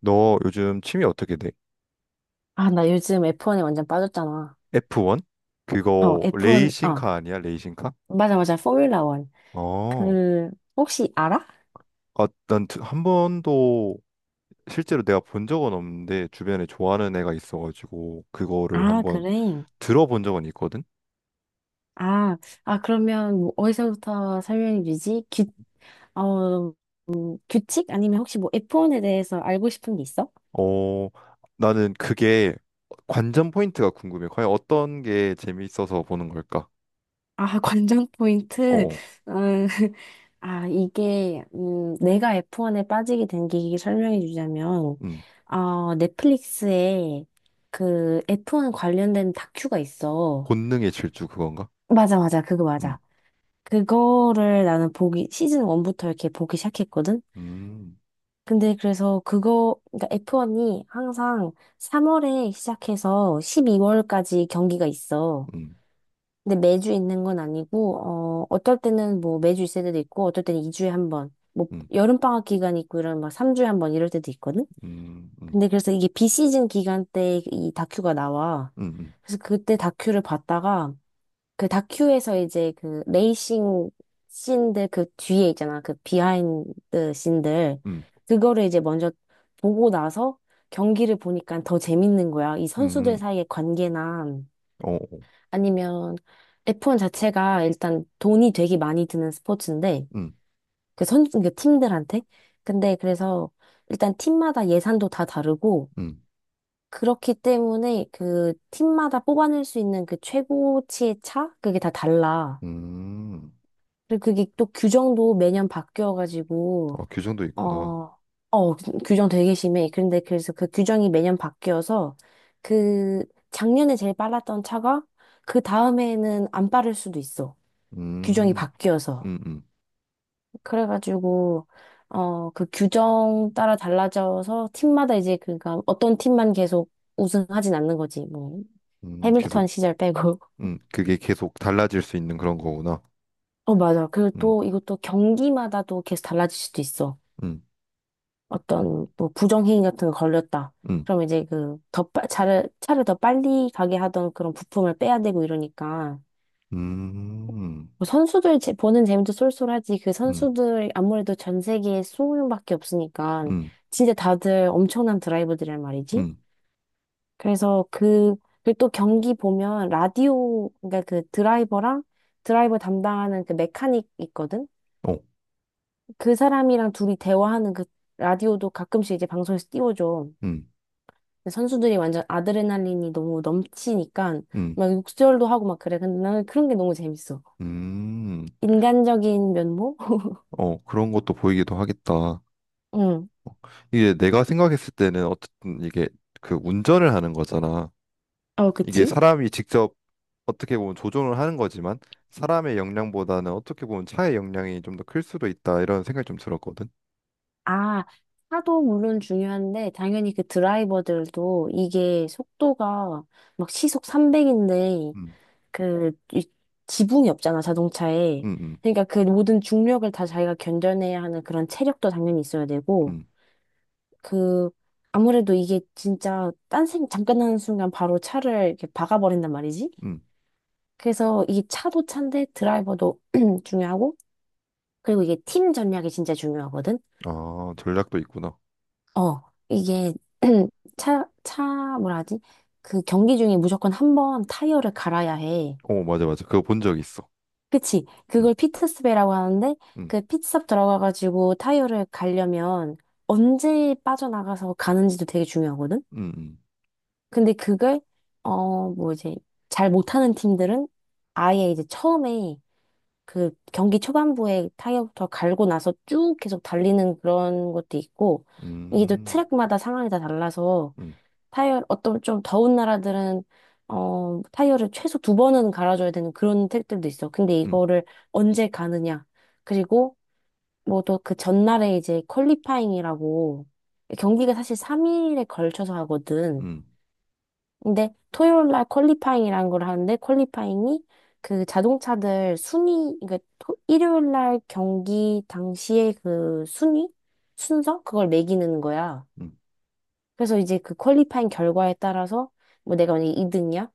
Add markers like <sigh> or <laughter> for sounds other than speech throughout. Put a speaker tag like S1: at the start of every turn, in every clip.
S1: 너 요즘 취미 어떻게 돼?
S2: 아, 나 요즘 F1에 완전 빠졌잖아.
S1: F1? 그거
S2: F1, 아,
S1: 레이싱카 아니야? 레이싱카?
S2: 맞아, 맞아. 포뮬라 원
S1: 어.
S2: 그, 혹시 알아?
S1: 아, 난한 번도 실제로 내가 본 적은 없는데 주변에 좋아하는 애가 있어가지고 그거를
S2: 아,
S1: 한번
S2: 그래.
S1: 들어본 적은 있거든?
S2: 아, 아, 그러면 뭐 어디서부터 설명해 주지? 어, 규칙? 아니면 혹시 뭐 F1에 대해서 알고 싶은 게 있어?
S1: 어, 나는 그게 관전 포인트가 궁금해. 과연 어떤 게 재미있어서 보는 걸까?
S2: 아, <laughs> 관전 포인트.
S1: 어어.
S2: 음, <laughs> 아, 이게, 내가 F1에 빠지게 된 계기 설명해 주자면,
S1: 음.
S2: 넷플릭스에 그 F1 관련된 다큐가 있어.
S1: 본능의 질주 그건가?
S2: 맞아, 맞아. 그거
S1: 음.
S2: 맞아. 그거를 나는 시즌 1부터 이렇게 보기 시작했거든?
S1: 음.
S2: 근데 그래서 그러니까 F1이 항상 3월에 시작해서 12월까지 경기가 있어.
S1: 음.
S2: 근데 매주 있는 건 아니고, 어떨 때는 뭐 매주 있을 때도 있고, 어떨 때는 2주에 한 번, 뭐
S1: 음.
S2: 여름방학 기간 있고 이런 막 3주에 한 번 이럴 때도 있거든?
S1: 음. 음.
S2: 근데 그래서 이게 비시즌 기간 때 이 다큐가 나와.
S1: 음.
S2: 그래서 그때 다큐를 봤다가, 그 다큐에서 이제 그 레이싱 씬들 그 뒤에 있잖아. 그 비하인드 씬들.
S1: 음.
S2: 그거를 이제 먼저 보고 나서 경기를 보니까 더 재밌는 거야. 이
S1: 음.
S2: 선수들
S1: 음.
S2: 사이의 관계나
S1: 어어.
S2: 아니면 F1 자체가 일단 돈이 되게 많이 드는 스포츠인데 그 팀들한테. 근데 그래서 일단 팀마다 예산도 다 다르고
S1: 음,
S2: 그렇기 때문에 그 팀마다 뽑아낼 수 있는 그 최고치의 차? 그게 다 달라.
S1: 음,
S2: 그리고 그게 또 규정도 매년 바뀌어가지고,
S1: 아, 규정도
S2: 어,
S1: 있구나.
S2: 규정 되게 심해. 그런데 그래서 그 규정이 매년 바뀌어서, 그, 작년에 제일 빨랐던 차가, 그 다음에는 안 빠를 수도 있어. 규정이
S1: 음,
S2: 바뀌어서.
S1: 음, 음,
S2: 그래가지고, 그 규정 따라 달라져서, 팀마다 이제, 그니까, 어떤 팀만 계속 우승하진 않는 거지, 뭐. 해밀턴
S1: 계속,
S2: 시절 빼고. <laughs>
S1: 그게 계속 달라질 수 있는 그런 거구나.
S2: 어, 맞아. 그리고
S1: 음,
S2: 또, 이것도 경기마다 또 계속 달라질 수도 있어.
S1: 음,
S2: 어떤 뭐 부정행위 같은 거 걸렸다.
S1: 음,
S2: 그럼 이제 그 차를 더 빨리 가게 하던 그런 부품을 빼야 되고 이러니까
S1: 음,
S2: 뭐 보는 재미도 쏠쏠하지 그
S1: 음,
S2: 선수들 아무래도 전 세계에 2용명밖에 없으니까
S1: 음,
S2: 진짜 다들 엄청난 드라이버들이란 말이지.
S1: 음,
S2: 그래서 그, 그리고 또 경기 보면 라디오, 그러니까 그 드라이버랑 드라이버 담당하는 그 메카닉 있거든?
S1: 어,
S2: 그 사람이랑 둘이 대화하는 그 라디오도 가끔씩 이제 방송에서 띄워줘.
S1: 음,
S2: 근데 선수들이 완전 아드레날린이 너무 넘치니까
S1: 음,
S2: 막 욕설도 하고 막 그래. 근데 나는 그런 게 너무 재밌어.
S1: 음,
S2: 인간적인 면모? <laughs>
S1: 어, 그런 것도 보이기도 하겠다. 어,
S2: 응.
S1: 이게 내가 생각했을 때는 어쨌든 이게 그 운전을 하는 거잖아.
S2: 어,
S1: 이게
S2: 그치?
S1: 사람이 직접 어떻게 보면 조종을 하는 거지만 사람의 역량보다는 어떻게 보면 차의 역량이 좀 더 클 수도 있다 이런 생각이 좀 들었거든.
S2: 아, 차도 물론 중요한데 당연히 그 드라이버들도 이게 속도가 막 시속 300인데
S1: 음,
S2: 그 이- 지붕이 없잖아, 자동차에.
S1: 음, 음,
S2: 그러니까 그 모든 중력을 다 자기가 견뎌내야 하는 그런 체력도 당연히 있어야 되고
S1: 음,
S2: 그 아무래도 이게 진짜 딴 생 잠깐 하는 순간 바로 차를 이렇게 박아버린단 말이지.
S1: 음.
S2: 그래서 이 차도 차인데 드라이버도 <clears throat> 중요하고 그리고 이게 팀 전략이 진짜 중요하거든.
S1: 아, 전략도 있구나.
S2: 어 이게 <clears throat> 차 차 뭐라 하지? 그 경기 중에 무조건 한번 타이어를 갈아야 해.
S1: 어, 맞아, 맞아. 그거 본 적 있어.
S2: 그치?
S1: 음,
S2: 그걸 피트스베라고 하는데
S1: 음,
S2: 그 피트스톱 들어가가지고 타이어를 갈려면 언제 빠져나가서 가는지도 되게 중요하거든.
S1: 음,
S2: 근데 그걸 뭐 이제 잘 못하는 팀들은 아예 이제 처음에 그 경기 초반부에 타이어부터 갈고 나서 쭉 계속 달리는 그런 것도 있고 이게 또
S1: 음,
S2: 트랙마다 상황이 다 달라서
S1: 음, 음,
S2: 타이어 어떤 좀 더운 나라들은 타이어를 최소 두 번은 갈아줘야 되는 그런 트랙들도 있어. 근데
S1: 음,
S2: 이거를 언제 가느냐 그리고 뭐 또 그 전날에 이제 퀄리파잉이라고 경기가 사실 3일에 걸쳐서 하거든.
S1: 음,
S2: 근데 토요일 날 퀄리파잉이라는 걸 하는데 퀄리파잉이 그 자동차들 순위 그 일요일 날 경기 당시에 그 순위 순서 그걸 매기는 거야.
S1: 음,
S2: 그래서 이제 그 퀄리파잉 결과에 따라서 뭐 내가 만약에 2등이야?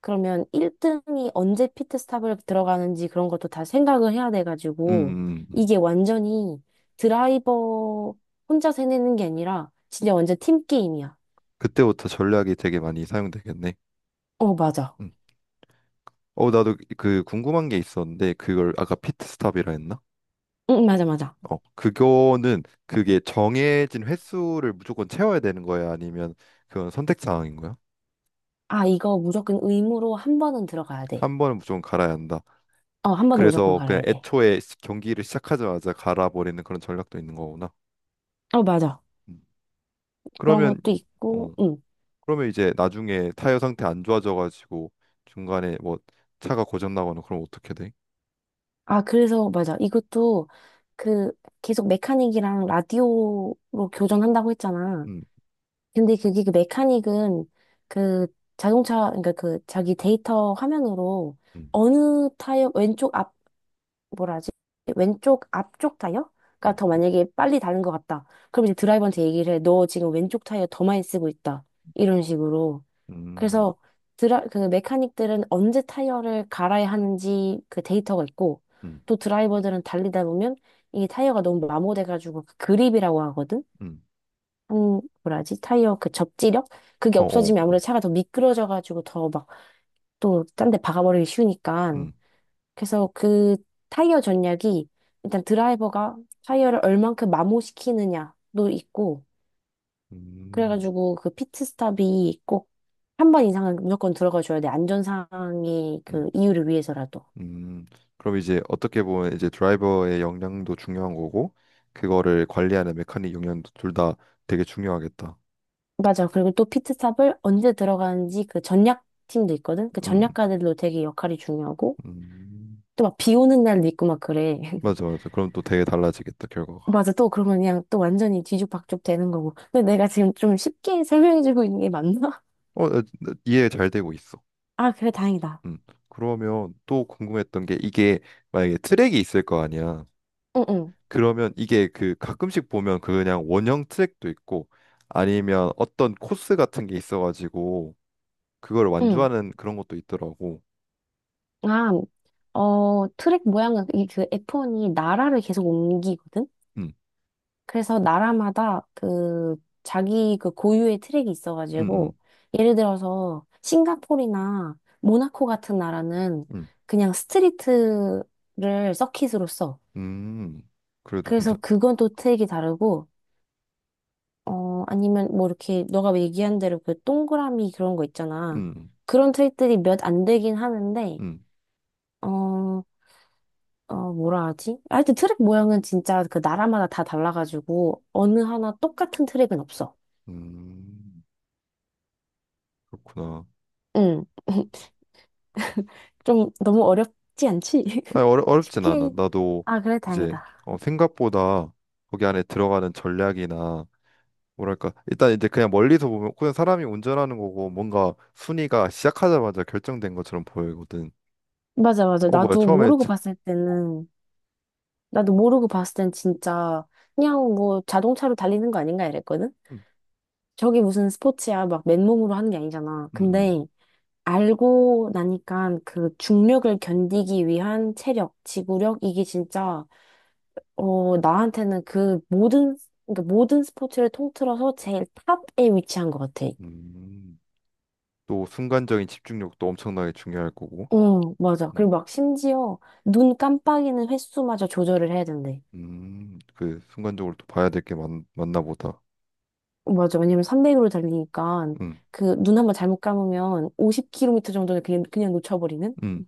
S2: 그러면 1등이 언제 피트스탑을 들어가는지 그런 것도 다 생각을 해야 돼가지고
S1: 음.
S2: 이게 완전히 드라이버 혼자 해내는 게 아니라 진짜 완전 팀 게임이야.
S1: 그때부터 전략이 되게 많이 사용되겠네.
S2: 어, 맞아.
S1: 음. 어, 나도 그 궁금한 게 있었는데 그걸 아까 피트스탑이라 했나?
S2: 응, 맞아, 맞아.
S1: 어, 그거는 그게 정해진 횟수를 무조건 채워야 되는 거야? 아니면 그건 선택 사항인 거야?
S2: 아, 이거 무조건 의무로 한 번은 들어가야 돼.
S1: 한 번은 무조건 갈아야 한다.
S2: 어, 한 번은 무조건
S1: 그래서 그냥
S2: 갈아야 돼.
S1: 애초에 시- 경기를 시작하자마자 갈아버리는 그런 전략도 있는 거구나.
S2: 어, 맞아.
S1: 음.
S2: 그런
S1: 그러면
S2: 것도
S1: 이-
S2: 있고,
S1: 어
S2: 응.
S1: 그러면 이제 나중에 타이어 상태 안 좋아져가지고 중간에 뭐 차가 고장 나거나 그럼 어떻게 돼?
S2: 아, 그래서, 맞아. 이것도 그 계속 메카닉이랑 라디오로 교전한다고 했잖아.
S1: 음,
S2: 근데 그게 그 메카닉은 그 자동차, 그러니까 그 자기 데이터 화면으로
S1: 음,
S2: 어느 타이어, 왼쪽 앞, 뭐라지? 왼쪽 앞쪽 타이어가
S1: 음,
S2: 더 만약에 빨리 다른 것 같다. 그럼 이제 드라이버한테 얘기를 해. 너 지금 왼쪽 타이어 더 많이 쓰고 있다. 이런 식으로.
S1: 음,
S2: 그래서 그 메카닉들은 언제 타이어를 갈아야 하는지 그 데이터가 있고
S1: 음,
S2: 또 드라이버들은 달리다 보면 이게 타이어가 너무 마모돼가지고 그 그립이라고 하거든?
S1: 음,
S2: 뭐라지? 타이어 그 접지력? 그게
S1: 어, 어,
S2: 없어지면 아무래도 차가 더 미끄러져가지고 더 막 또 딴 데 박아버리기 쉬우니까
S1: 음,
S2: 그래서 그 타이어 전략이 일단 드라이버가 타이어를 얼만큼 마모시키느냐도 있고
S1: 음,
S2: 그래가지고 그 피트스탑이 꼭 한 번 이상은 무조건 들어가줘야 돼. 안전상의
S1: 음,
S2: 그 이유를 위해서라도.
S1: 음. 그럼 이제 어떻게 보면 이제 드라이버의 역량도 중요한 거고 그거를 관리하는 메카닉 역량도 둘 다 되게 중요하겠다.
S2: 맞아. 그리고 또 피트스탑을 언제 들어가는지 그 전략 팀도 있거든. 그
S1: 음,
S2: 전략가들도 되게 역할이 중요하고
S1: 음.
S2: 또 막 비 오는 날도 있고 막 그래. <laughs>
S1: 맞아, 맞아. 그럼 또 되게 달라지겠다, 결과가.
S2: 맞아. 또 그러면 그냥 또 완전히 뒤죽박죽 되는 거고. 근데 내가 지금 좀 쉽게 <laughs> 설명해주고 있는 게 맞나?
S1: 어, 나 이해 잘 되고 있어.
S2: <laughs> 아, 그래 다행이다.
S1: 음. 그러면 또 궁금했던 게 이게 만약에 트랙이 있을 거 아니야.
S2: 응응. 응.
S1: 그러면 이게 그 가끔씩 보면 그 그냥 원형 트랙도 있고 아니면 어떤 코스 같은 게 있어가지고 그걸
S2: 응.
S1: 완주하는 그런 것도 있더라고.
S2: 아, 트랙 모양은 이 그 F1이 나라를 계속 옮기거든.
S1: 음,
S2: 그래서 나라마다 그 자기 그 고유의 트랙이
S1: 음, 음,
S2: 있어가지고 예를 들어서 싱가포르나 모나코 같은 나라는
S1: 음,
S2: 그냥 스트리트를 서킷으로 써.
S1: 음. 그래도
S2: 그래서
S1: 괜찮.
S2: 그건 또 트랙이 다르고 아니면 뭐 이렇게 너가 얘기한 대로 그 동그라미 그런 거 있잖아.
S1: 음,
S2: 그런 트랙들이 몇 안 되긴 하는데
S1: 음,
S2: 어 뭐라 하지? 하여튼 트랙 모양은 진짜 그 나라마다 다 달라가지고 어느 하나 똑같은 트랙은 없어.
S1: 음. 그렇구나.
S2: 응. <laughs> 좀 너무 어렵지 않지?
S1: 아
S2: <laughs>
S1: 어렵진 않아.
S2: 쉽게.
S1: 나도
S2: 아, 그래,
S1: 이제
S2: 다행이다.
S1: 어, 생각보다 거기 안에 들어가는 전략이나 뭐랄까 일단 이제 그냥 멀리서 보면 그냥 사람이 운전하는 거고 뭔가 순위가 시작하자마자 결정된 것처럼 보이거든.
S2: 맞아, 맞아.
S1: 어 뭐야
S2: 나도
S1: 처음에
S2: 모르고
S1: 지-
S2: 봤을 때는, 나도 모르고 봤을 땐 진짜 그냥 뭐 자동차로 달리는 거 아닌가 이랬거든?
S1: 음,
S2: 저게 무슨 스포츠야, 막 맨몸으로 하는 게 아니잖아.
S1: 음,
S2: 근데 알고 나니까 그 중력을 견디기 위한 체력, 지구력, 이게 진짜, 나한테는 그 모든, 그러니까 모든 스포츠를 통틀어서 제일 탑에 위치한 것 같아.
S1: 음. 또 순간적인 집중력도 엄청나게 중요할 거고.
S2: 어, 맞아.
S1: 음,
S2: 그리고 막 심지어 눈 깜빡이는 횟수마저 조절을 해야 된대.
S1: 그 순간적으로 또 봐야 될 게 많나 보다.
S2: 맞아. 왜냐면 300으로 달리니까
S1: 음,
S2: 그 눈 한번 잘못 감으면 50km 정도를 그냥, 놓쳐버리는?
S1: 음.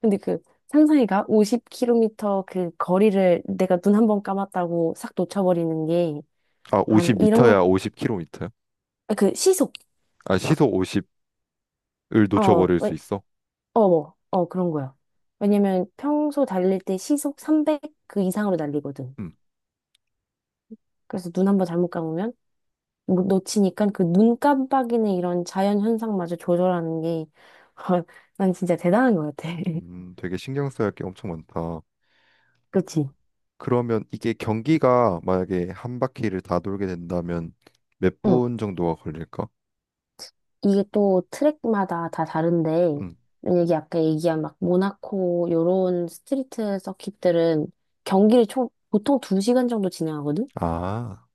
S2: 근데 그 상상해가 50km 그 거리를 내가 눈 한번 감았다고 싹 놓쳐버리는 게
S1: 아
S2: 한 이런 거,
S1: 50m야 50km야?
S2: 아, 그 시속.
S1: 아 시속 50을
S2: 어,
S1: 놓쳐버릴
S2: 왜-
S1: 수 있어?
S2: 뭐, 그런 거야. 왜냐면 평소 달릴 때 시속 300 그 이상으로 달리거든.
S1: 음.
S2: 그래서 눈 한번 잘못 감으면 뭐 놓치니까 그 눈 깜빡이는 이런 자연 현상마저 조절하는 게, <laughs> 난 진짜 대단한 것 같아. <laughs>
S1: 되게 신경 써야 할 게 엄청 많다.
S2: 그치?
S1: 그러면 이게 경기가 만약에 한 바퀴를 다 돌게 된다면 몇
S2: 응.
S1: 분 정도가 걸릴까?
S2: 이게 또 트랙마다 다 다른데,
S1: 음.
S2: 만약에 아까 얘기한 막 모나코 요런 스트리트 서킷들은 경기를 총, 보통 2시간 정도 진행하거든?
S1: 아,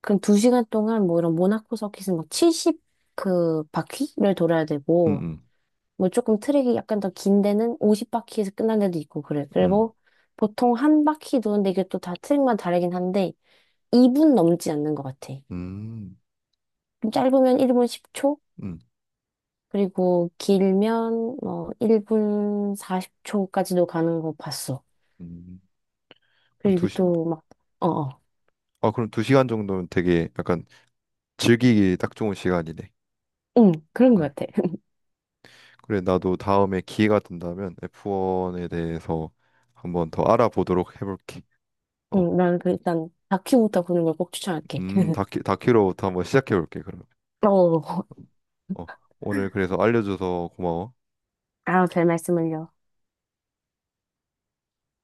S2: 그럼 2시간 동안 뭐 이런 모나코 서킷은 막 70 그 바퀴를 돌아야
S1: 음,
S2: 되고,
S1: 음,
S2: 뭐 조금 트랙이 약간 더 긴 데는 50바퀴에서 끝난 데도 있고 그래.
S1: 음,
S2: 그리고 보통 한 바퀴 도는데 이게 또 다 트랙마다 다르긴 한데 2분 넘지 않는 것 같아.
S1: 음,
S2: 좀 짧으면 1분 10초,
S1: 음.
S2: 그리고 길면 뭐 1분 40초까지도 가는 거 봤어.
S1: 음.
S2: 그리고
S1: 두 시,
S2: 또 막, 어, 어.
S1: 아, 그럼 두 시간 정도면 되게 약간 즐기기 딱 좋은 시간이네.
S2: 응, 그런
S1: 음.
S2: 것 같아. <laughs>
S1: 그래, 나도 다음에 기회가 된다면 F1에 대해서 한번 더 알아보도록 해볼게. 어,
S2: 응, 나는 그 일단 다큐부터 보는 걸 꼭 추천할게. <laughs>
S1: 다큐로부터 한번 시작해볼게, 그러면.
S2: 어,
S1: 어, 오늘 그래서 알려줘서 고마워.
S2: 아, 별 말씀을요.